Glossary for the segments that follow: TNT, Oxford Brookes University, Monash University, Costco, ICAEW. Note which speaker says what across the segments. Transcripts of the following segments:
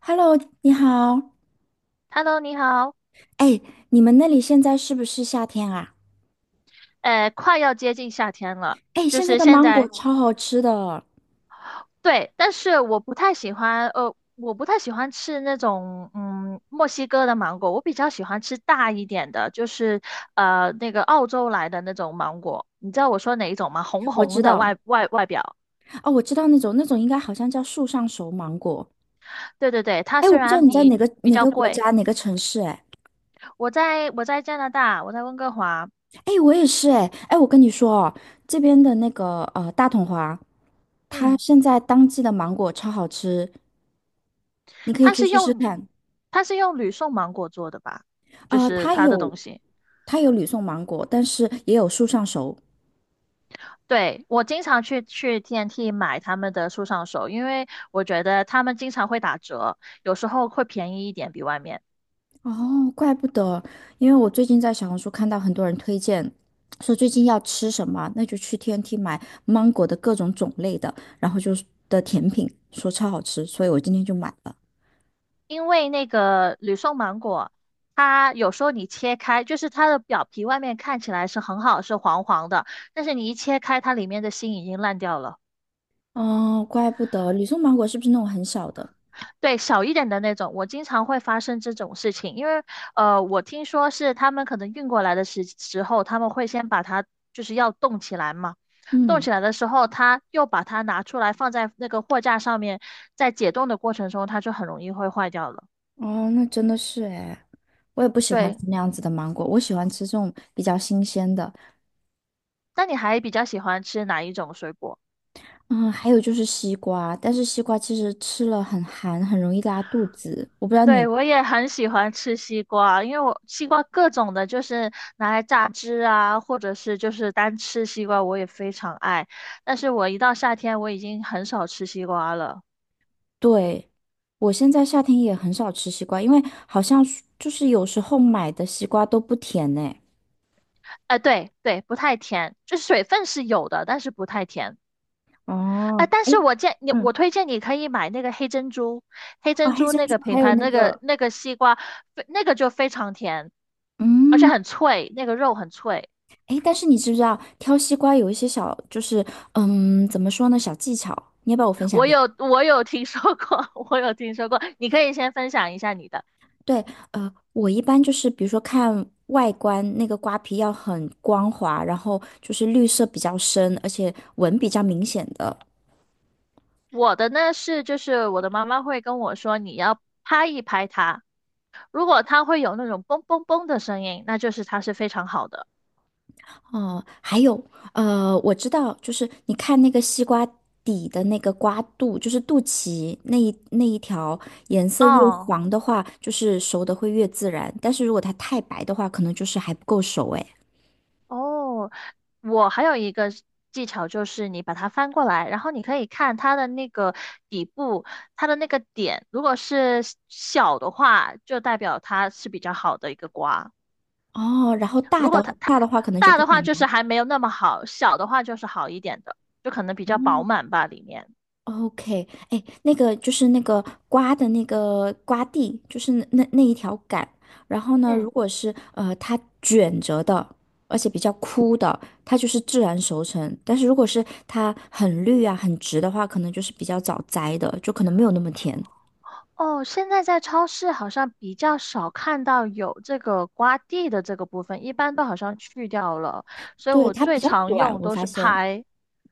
Speaker 1: Hello，你好。
Speaker 2: Hello，你好，
Speaker 1: 哎，你们那里现在是不是夏天啊？
Speaker 2: 快要接近夏天了，
Speaker 1: 哎，
Speaker 2: 就
Speaker 1: 现在
Speaker 2: 是
Speaker 1: 的
Speaker 2: 现
Speaker 1: 芒果
Speaker 2: 在，
Speaker 1: 超好吃的，
Speaker 2: 对，但是我不太喜欢，我不太喜欢吃那种，嗯，墨西哥的芒果，我比较喜欢吃大一点的，就是那个澳洲来的那种芒果，你知道我说哪一种吗？红
Speaker 1: 我
Speaker 2: 红
Speaker 1: 知
Speaker 2: 的
Speaker 1: 道。
Speaker 2: 外表，
Speaker 1: 哦，我知道那种应该好像叫树上熟芒果。
Speaker 2: 对对对，它
Speaker 1: 哎，我
Speaker 2: 虽
Speaker 1: 不知道
Speaker 2: 然
Speaker 1: 你在哪
Speaker 2: 比
Speaker 1: 个
Speaker 2: 比
Speaker 1: 哪
Speaker 2: 较
Speaker 1: 个国
Speaker 2: 贵，
Speaker 1: 家哪个城市哎。
Speaker 2: 我在加拿大，我在温哥华，
Speaker 1: 哎，我也是哎。哎，我跟你说哦，这边的那个大统华，它
Speaker 2: 嗯，
Speaker 1: 现在当季的芒果超好吃，你可以
Speaker 2: 它
Speaker 1: 去
Speaker 2: 是
Speaker 1: 试试
Speaker 2: 用
Speaker 1: 看。
Speaker 2: 它是用吕宋芒果做的吧，就是
Speaker 1: 它
Speaker 2: 它的
Speaker 1: 有
Speaker 2: 东西。
Speaker 1: 它有吕宋芒果，但是也有树上熟。
Speaker 2: 对，我经常去 TNT 买他们的树上手，因为我觉得他们经常会打折，有时候会便宜一点比外面。
Speaker 1: 哦，怪不得，因为我最近在小红书看到很多人推荐，说最近要吃什么，那就去 TNT 买芒果的各种种类的，然后就是的甜品，说超好吃，所以我今天就买了。
Speaker 2: 因为那个吕宋芒果，它有时候你切开，就是它的表皮外面看起来是很好，是黄黄的，但是你一切开，它里面的心已经烂掉了。
Speaker 1: 哦，怪不得，吕宋芒果是不是那种很小的？
Speaker 2: 对，小一点的那种，我经常会发生这种事情，因为我听说是他们可能运过来的时候，他们会先把它就是要冻起来嘛，冻
Speaker 1: 嗯。
Speaker 2: 起来的时候，他又把它拿出来放在那个货架上面，在解冻的过程中，它就很容易会坏掉了。
Speaker 1: 哦，那真的是诶，我也不喜欢吃
Speaker 2: 对，
Speaker 1: 那样子的芒果，我喜欢吃这种比较新鲜的。
Speaker 2: 那你还比较喜欢吃哪一种水果？
Speaker 1: 嗯，还有就是西瓜，但是西瓜其实吃了很寒，很容易拉肚子。我不知道你
Speaker 2: 对，我也很喜欢吃西瓜，因为我西瓜各种的，就是拿来榨汁啊，或者是就是单吃西瓜，我也非常爱。但是我一到夏天，我已经很少吃西瓜了。
Speaker 1: 对，我现在夏天也很少吃西瓜，因为好像是就是有时候买的西瓜都不甜呢。
Speaker 2: 哎、对对，不太甜，就是水分是有的，但是不太甜。哎、
Speaker 1: 哦，
Speaker 2: 但
Speaker 1: 哎，
Speaker 2: 是我建你，
Speaker 1: 嗯，
Speaker 2: 我推荐你可以买那个黑珍珠，黑
Speaker 1: 啊，
Speaker 2: 珍
Speaker 1: 黑
Speaker 2: 珠
Speaker 1: 珍
Speaker 2: 那
Speaker 1: 珠
Speaker 2: 个品
Speaker 1: 还有
Speaker 2: 牌，
Speaker 1: 那
Speaker 2: 那个
Speaker 1: 个，
Speaker 2: 那个西瓜，那个就非常甜，而且
Speaker 1: 嗯，
Speaker 2: 很脆，那个肉很脆。
Speaker 1: 哎，但是你知不知道挑西瓜有一些小，就是嗯，怎么说呢，小技巧，你要不要我分享给你？
Speaker 2: 我有听说过，我有听说过。你可以先分享一下你的。
Speaker 1: 对，我一般就是比如说看外观，那个瓜皮要很光滑，然后就是绿色比较深，而且纹比较明显的。
Speaker 2: 我的呢是，就是我的妈妈会跟我说，你要拍一拍它，如果它会有那种嘣嘣嘣的声音，那就是它是非常好的。
Speaker 1: 哦，还有，我知道，就是你看那个西瓜底的那个瓜肚，就是肚脐那一条，颜色越
Speaker 2: 哦
Speaker 1: 黄的话，就是熟的会越自然，但是如果它太白的话，可能就是还不够熟哎。
Speaker 2: 哦，我还有一个技巧就是你把它翻过来，然后你可以看它的那个底部，它的那个点，如果是小的话，就代表它是比较好的一个瓜。
Speaker 1: 哦，然后大
Speaker 2: 如果
Speaker 1: 的
Speaker 2: 它
Speaker 1: 大的话，可能就
Speaker 2: 大
Speaker 1: 不
Speaker 2: 的
Speaker 1: 甜
Speaker 2: 话就是
Speaker 1: 了。
Speaker 2: 还没有那么好，小的话就是好一点的，就可能比
Speaker 1: 哦
Speaker 2: 较饱满吧里面。
Speaker 1: OK，哎，那个就是那个瓜的那个瓜蒂，就是那一条杆。然后呢，如
Speaker 2: 嗯，
Speaker 1: 果是它卷着的，而且比较枯的，它就是自然熟成。但是如果是它很绿啊、很直的话，可能就是比较早摘的，就可能没有那么甜。
Speaker 2: 哦，现在在超市好像比较少看到有这个刮地的这个部分，一般都好像去掉了，所以
Speaker 1: 对，
Speaker 2: 我
Speaker 1: 它比
Speaker 2: 最
Speaker 1: 较
Speaker 2: 常
Speaker 1: 短，
Speaker 2: 用
Speaker 1: 我
Speaker 2: 都
Speaker 1: 发
Speaker 2: 是
Speaker 1: 现。
Speaker 2: 拍。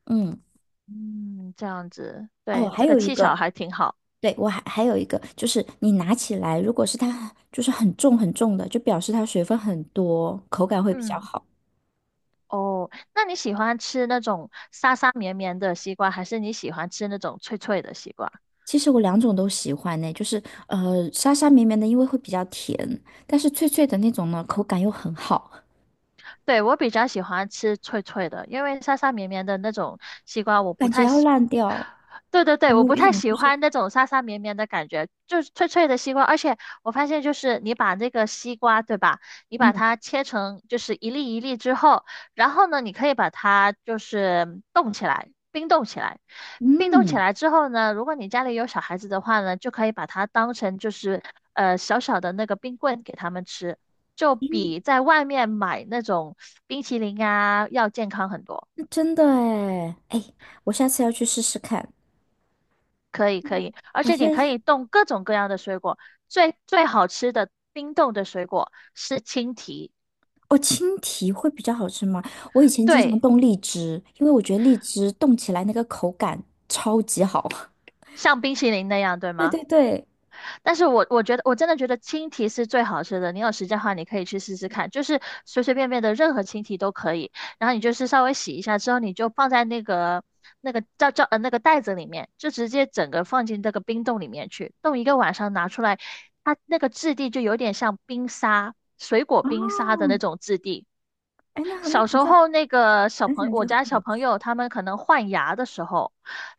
Speaker 1: 嗯，
Speaker 2: 嗯，这样子，
Speaker 1: 哦，
Speaker 2: 对，
Speaker 1: 还
Speaker 2: 这个
Speaker 1: 有一
Speaker 2: 技巧
Speaker 1: 个，
Speaker 2: 还挺好。
Speaker 1: 对，我还有一个，就是你拿起来，如果是它就是很重很重的，就表示它水分很多，口感会比较
Speaker 2: 嗯，
Speaker 1: 好。
Speaker 2: 哦，那你喜欢吃那种沙沙绵绵的西瓜，还是你喜欢吃那种脆脆的西瓜？
Speaker 1: 其实我两种都喜欢呢，就是呃沙沙绵绵的，因为会比较甜，但是脆脆的那种呢，口感又很好，
Speaker 2: 对，我比较喜欢吃脆脆的，因为沙沙绵绵的那种西瓜我不
Speaker 1: 感觉
Speaker 2: 太
Speaker 1: 要
Speaker 2: 喜
Speaker 1: 烂掉。
Speaker 2: 对对
Speaker 1: 有
Speaker 2: 对，
Speaker 1: 没
Speaker 2: 我
Speaker 1: 有
Speaker 2: 不
Speaker 1: 一
Speaker 2: 太
Speaker 1: 种
Speaker 2: 喜
Speaker 1: 就是
Speaker 2: 欢那种沙沙绵绵的感觉，就是脆脆的西瓜。而且我发现，就是你把那个西瓜，对吧？你把
Speaker 1: 嗯
Speaker 2: 它切成就是一粒一粒之后，然后呢，你可以把它就是冻起来，冰冻起来。冰冻
Speaker 1: 嗯，
Speaker 2: 起来之后呢，如果你家里有小孩子的话呢，就可以把它当成就是小小的那个冰棍给他们吃，就比在外面买那种冰淇淋啊要健康很多。
Speaker 1: 真的哎哎，我下次要去试试看。
Speaker 2: 可以可以，而
Speaker 1: 哎，
Speaker 2: 且你
Speaker 1: 现在
Speaker 2: 可以冻各种各样的水果，最最好吃的冰冻的水果是青提，
Speaker 1: 哦，青提会比较好吃吗？我以前经常
Speaker 2: 对，
Speaker 1: 冻荔枝，因为我觉得荔枝冻起来那个口感超级好。
Speaker 2: 像冰淇淋那样，对
Speaker 1: 对
Speaker 2: 吗？
Speaker 1: 对对，
Speaker 2: 但是我觉得我真的觉得青提是最好吃的，你有时间的话你可以去试试看，就是随随便便的任何青提都可以，然后你就是稍微洗一下之后，你就放在那个叫那个袋子里面，就直接整个放进这个冰冻里面去，冻一个晚上拿出来，它那个质地就有点像冰沙，水果冰
Speaker 1: 哦，
Speaker 2: 沙的那种质地。
Speaker 1: 哎，那那
Speaker 2: 小时
Speaker 1: 好像
Speaker 2: 候那个小
Speaker 1: 那
Speaker 2: 朋
Speaker 1: 感
Speaker 2: 我
Speaker 1: 觉很
Speaker 2: 家小
Speaker 1: 好
Speaker 2: 朋
Speaker 1: 吃。
Speaker 2: 友他们可能换牙的时候，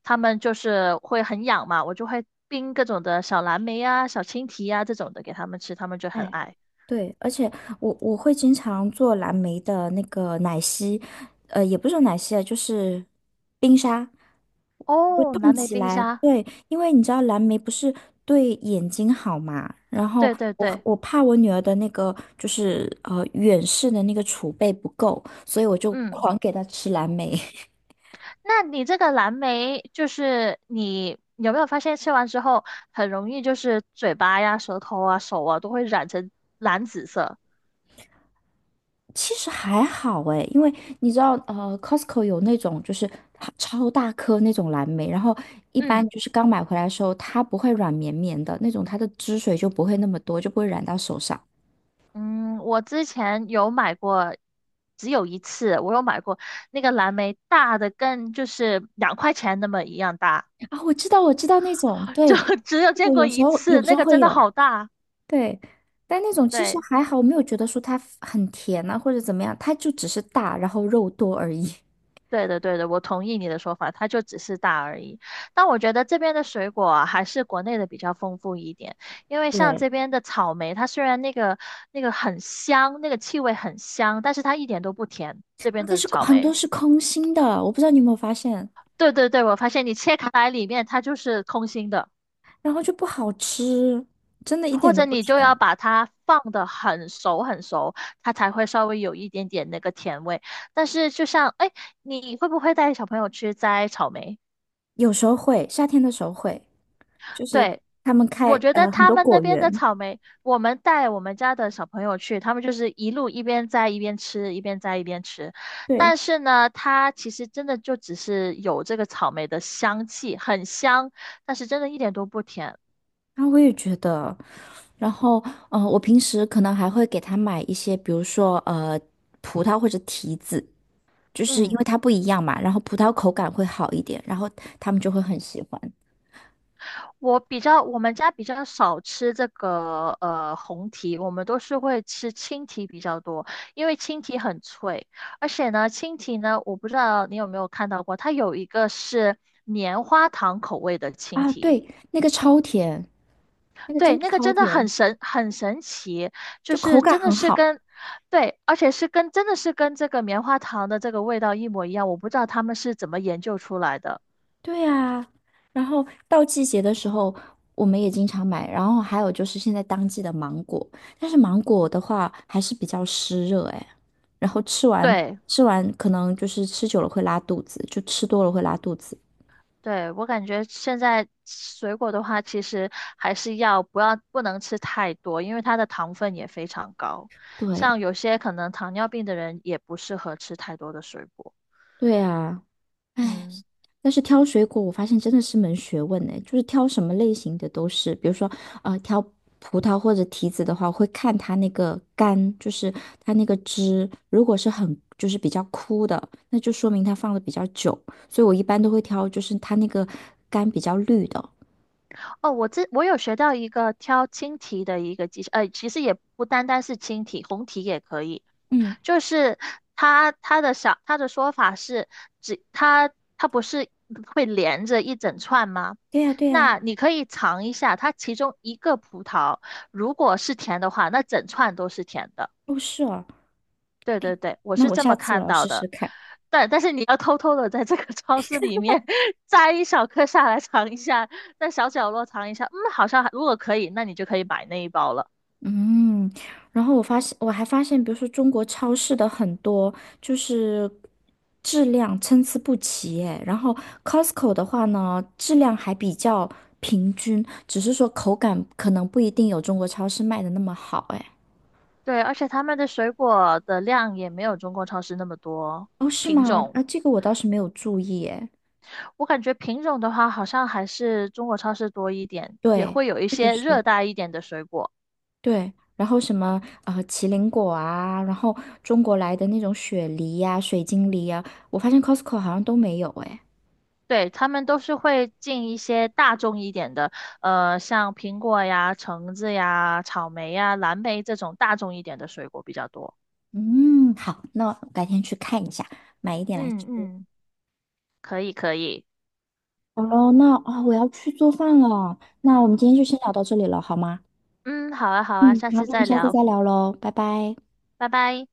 Speaker 2: 他们就是会很痒嘛，我就会冰各种的小蓝莓呀、小青提呀、这种的给他们吃，他们就很
Speaker 1: 哎。
Speaker 2: 爱。
Speaker 1: 对，而且我我会经常做蓝莓的那个奶昔，也不是说奶昔啊，就是冰沙，会
Speaker 2: 哦，
Speaker 1: 冻
Speaker 2: 蓝莓
Speaker 1: 起
Speaker 2: 冰
Speaker 1: 来。
Speaker 2: 沙，
Speaker 1: 对，因为你知道蓝莓不是对眼睛好嘛，然后
Speaker 2: 对对
Speaker 1: 我
Speaker 2: 对，
Speaker 1: 我怕我女儿的那个就是远视的那个储备不够，所以我就
Speaker 2: 嗯，
Speaker 1: 狂给她吃蓝莓。
Speaker 2: 那你这个蓝莓就是你有没有发现吃完之后很容易就是嘴巴呀、舌头啊、手啊都会染成蓝紫色？
Speaker 1: 其实还好诶，因为你知道，Costco 有那种就是它超大颗那种蓝莓，然后一般
Speaker 2: 嗯。
Speaker 1: 就是刚买回来的时候，它不会软绵绵的那种，它的汁水就不会那么多，就不会染到手上。
Speaker 2: 嗯，我之前有买过，只有一次，我有买过那个蓝莓，大的跟就是两块钱那么一样大，
Speaker 1: 啊，我知道，我知道那种，
Speaker 2: 就
Speaker 1: 对，
Speaker 2: 只有见
Speaker 1: 我
Speaker 2: 过
Speaker 1: 有时
Speaker 2: 一
Speaker 1: 候有
Speaker 2: 次，
Speaker 1: 时
Speaker 2: 那
Speaker 1: 候
Speaker 2: 个
Speaker 1: 会
Speaker 2: 真的
Speaker 1: 有，
Speaker 2: 好大。
Speaker 1: 对，但那种其实
Speaker 2: 对，
Speaker 1: 还好，我没有觉得说它很甜啊或者怎么样，它就只是大，然后肉多而已。
Speaker 2: 对的，对的，我同意你的说法，它就只是大而已。但我觉得这边的水果啊还是国内的比较丰富一点，因为
Speaker 1: 对，
Speaker 2: 像
Speaker 1: 啊
Speaker 2: 这边的草莓，它虽然那个那个很香，那个气味很香，但是它一点都不甜，这边
Speaker 1: 但
Speaker 2: 的
Speaker 1: 是
Speaker 2: 草
Speaker 1: 很多
Speaker 2: 莓。
Speaker 1: 是空心的，我不知道你有没有发现。
Speaker 2: 对对对，我发现你切开来里面它就是空心的。
Speaker 1: 然后就不好吃，真的一
Speaker 2: 或
Speaker 1: 点都
Speaker 2: 者
Speaker 1: 不
Speaker 2: 你就
Speaker 1: 甜。
Speaker 2: 要把它放得很熟很熟，它才会稍微有一点点那个甜味。但是就像，哎，你会不会带小朋友去摘草莓？
Speaker 1: 有时候会，夏天的时候会，就是
Speaker 2: 对，
Speaker 1: 他们开
Speaker 2: 我觉得
Speaker 1: 很
Speaker 2: 他
Speaker 1: 多
Speaker 2: 们那
Speaker 1: 果
Speaker 2: 边的
Speaker 1: 园，
Speaker 2: 草莓，我们带我们家的小朋友去，他们就是一路一边摘一边吃，一边摘一边吃。
Speaker 1: 对，
Speaker 2: 但是呢，它其实真的就只是有这个草莓的香气，很香，但是真的一点都不甜。
Speaker 1: 然后我也觉得，然后我平时可能还会给他买一些，比如说葡萄或者提子，就是因为
Speaker 2: 嗯。
Speaker 1: 它不一样嘛，然后葡萄口感会好一点，然后他们就会很喜欢
Speaker 2: 我比较，我们家比较少吃这个红提，我们都是会吃青提比较多，因为青提很脆，而且呢，青提呢，我不知道你有没有看到过，它有一个是棉花糖口味的青
Speaker 1: 啊。
Speaker 2: 提，
Speaker 1: 对，那个超甜，那个真
Speaker 2: 对，
Speaker 1: 的
Speaker 2: 那个
Speaker 1: 超
Speaker 2: 真的很
Speaker 1: 甜，
Speaker 2: 神，很神奇，就
Speaker 1: 就口
Speaker 2: 是
Speaker 1: 感
Speaker 2: 真的
Speaker 1: 很
Speaker 2: 是
Speaker 1: 好。
Speaker 2: 跟，对，而且是跟真的是跟这个棉花糖的这个味道一模一样，我不知道他们是怎么研究出来的，
Speaker 1: 对啊，然后到季节的时候，我们也经常买。然后还有就是现在当季的芒果，但是芒果的话还是比较湿热哎。然后吃完
Speaker 2: 对。
Speaker 1: 吃完，可能就是吃久了会拉肚子，就吃多了会拉肚子。
Speaker 2: 对，我感觉现在水果的话，其实还是不能吃太多，因为它的糖分也非常高。
Speaker 1: 对
Speaker 2: 像有些可能糖尿病的人也不适合吃太多的水果。
Speaker 1: 对啊，唉。
Speaker 2: 嗯。
Speaker 1: 但是挑水果，我发现真的是门学问呢，就是挑什么类型的都是，比如说，挑葡萄或者提子的话，我会看它那个干，就是它那个汁，如果是很就是比较枯的，那就说明它放的比较久，所以我一般都会挑就是它那个干比较绿的。
Speaker 2: 哦，我有学到一个挑青提的一个技巧，呃，其实也不单单是青提，红提也可以。
Speaker 1: 嗯，
Speaker 2: 就是它的说法是，只它它不是会连着一整串吗？
Speaker 1: 对呀，对呀，
Speaker 2: 那你可以尝一下，它其中一个葡萄如果是甜的话，那整串都是甜的。
Speaker 1: 哦，是哦，
Speaker 2: 对对对，我
Speaker 1: 那
Speaker 2: 是
Speaker 1: 我
Speaker 2: 这
Speaker 1: 下
Speaker 2: 么
Speaker 1: 次我
Speaker 2: 看
Speaker 1: 要
Speaker 2: 到
Speaker 1: 试试
Speaker 2: 的，
Speaker 1: 看。
Speaker 2: 但是你要偷偷的在这个 超市里面摘一小颗下来尝一下，在小角落尝一下，嗯，好像还如果可以，那你就可以买那一包了。
Speaker 1: 嗯，然后我发现，我还发现，比如说中国超市的很多就是质量参差不齐，哎，然后 Costco 的话呢，质量还比较平均，只是说口感可能不一定有中国超市卖的那么好，哎。
Speaker 2: 对，而且他们的水果的量也没有中国超市那么多
Speaker 1: 哦，是
Speaker 2: 品
Speaker 1: 吗？啊，
Speaker 2: 种，
Speaker 1: 这个我倒是没有注意，哎。
Speaker 2: 我感觉品种的话好像还是中国超市多一点，也
Speaker 1: 对，
Speaker 2: 会有一
Speaker 1: 这个
Speaker 2: 些热
Speaker 1: 是
Speaker 2: 带一点的水果。
Speaker 1: 对。然后什么麒麟果啊，然后中国来的那种雪梨呀、水晶梨呀、我发现 Costco 好像都没有，哎。
Speaker 2: 对，他们都是会进一些大众一点的，呃，像苹果呀、橙子呀、草莓呀、蓝莓这种大众一点的水果比较多。
Speaker 1: 嗯，好，那我改天去看一下，买一点来吃。
Speaker 2: 嗯嗯，可以可以，
Speaker 1: 好了，那啊、我要去做饭了。那我们今天就先聊到这里了，好吗？
Speaker 2: 嗯，好啊好啊，
Speaker 1: 嗯，
Speaker 2: 下
Speaker 1: 好，
Speaker 2: 次
Speaker 1: 那我们
Speaker 2: 再
Speaker 1: 下次
Speaker 2: 聊，
Speaker 1: 再聊喽，拜拜。
Speaker 2: 拜拜。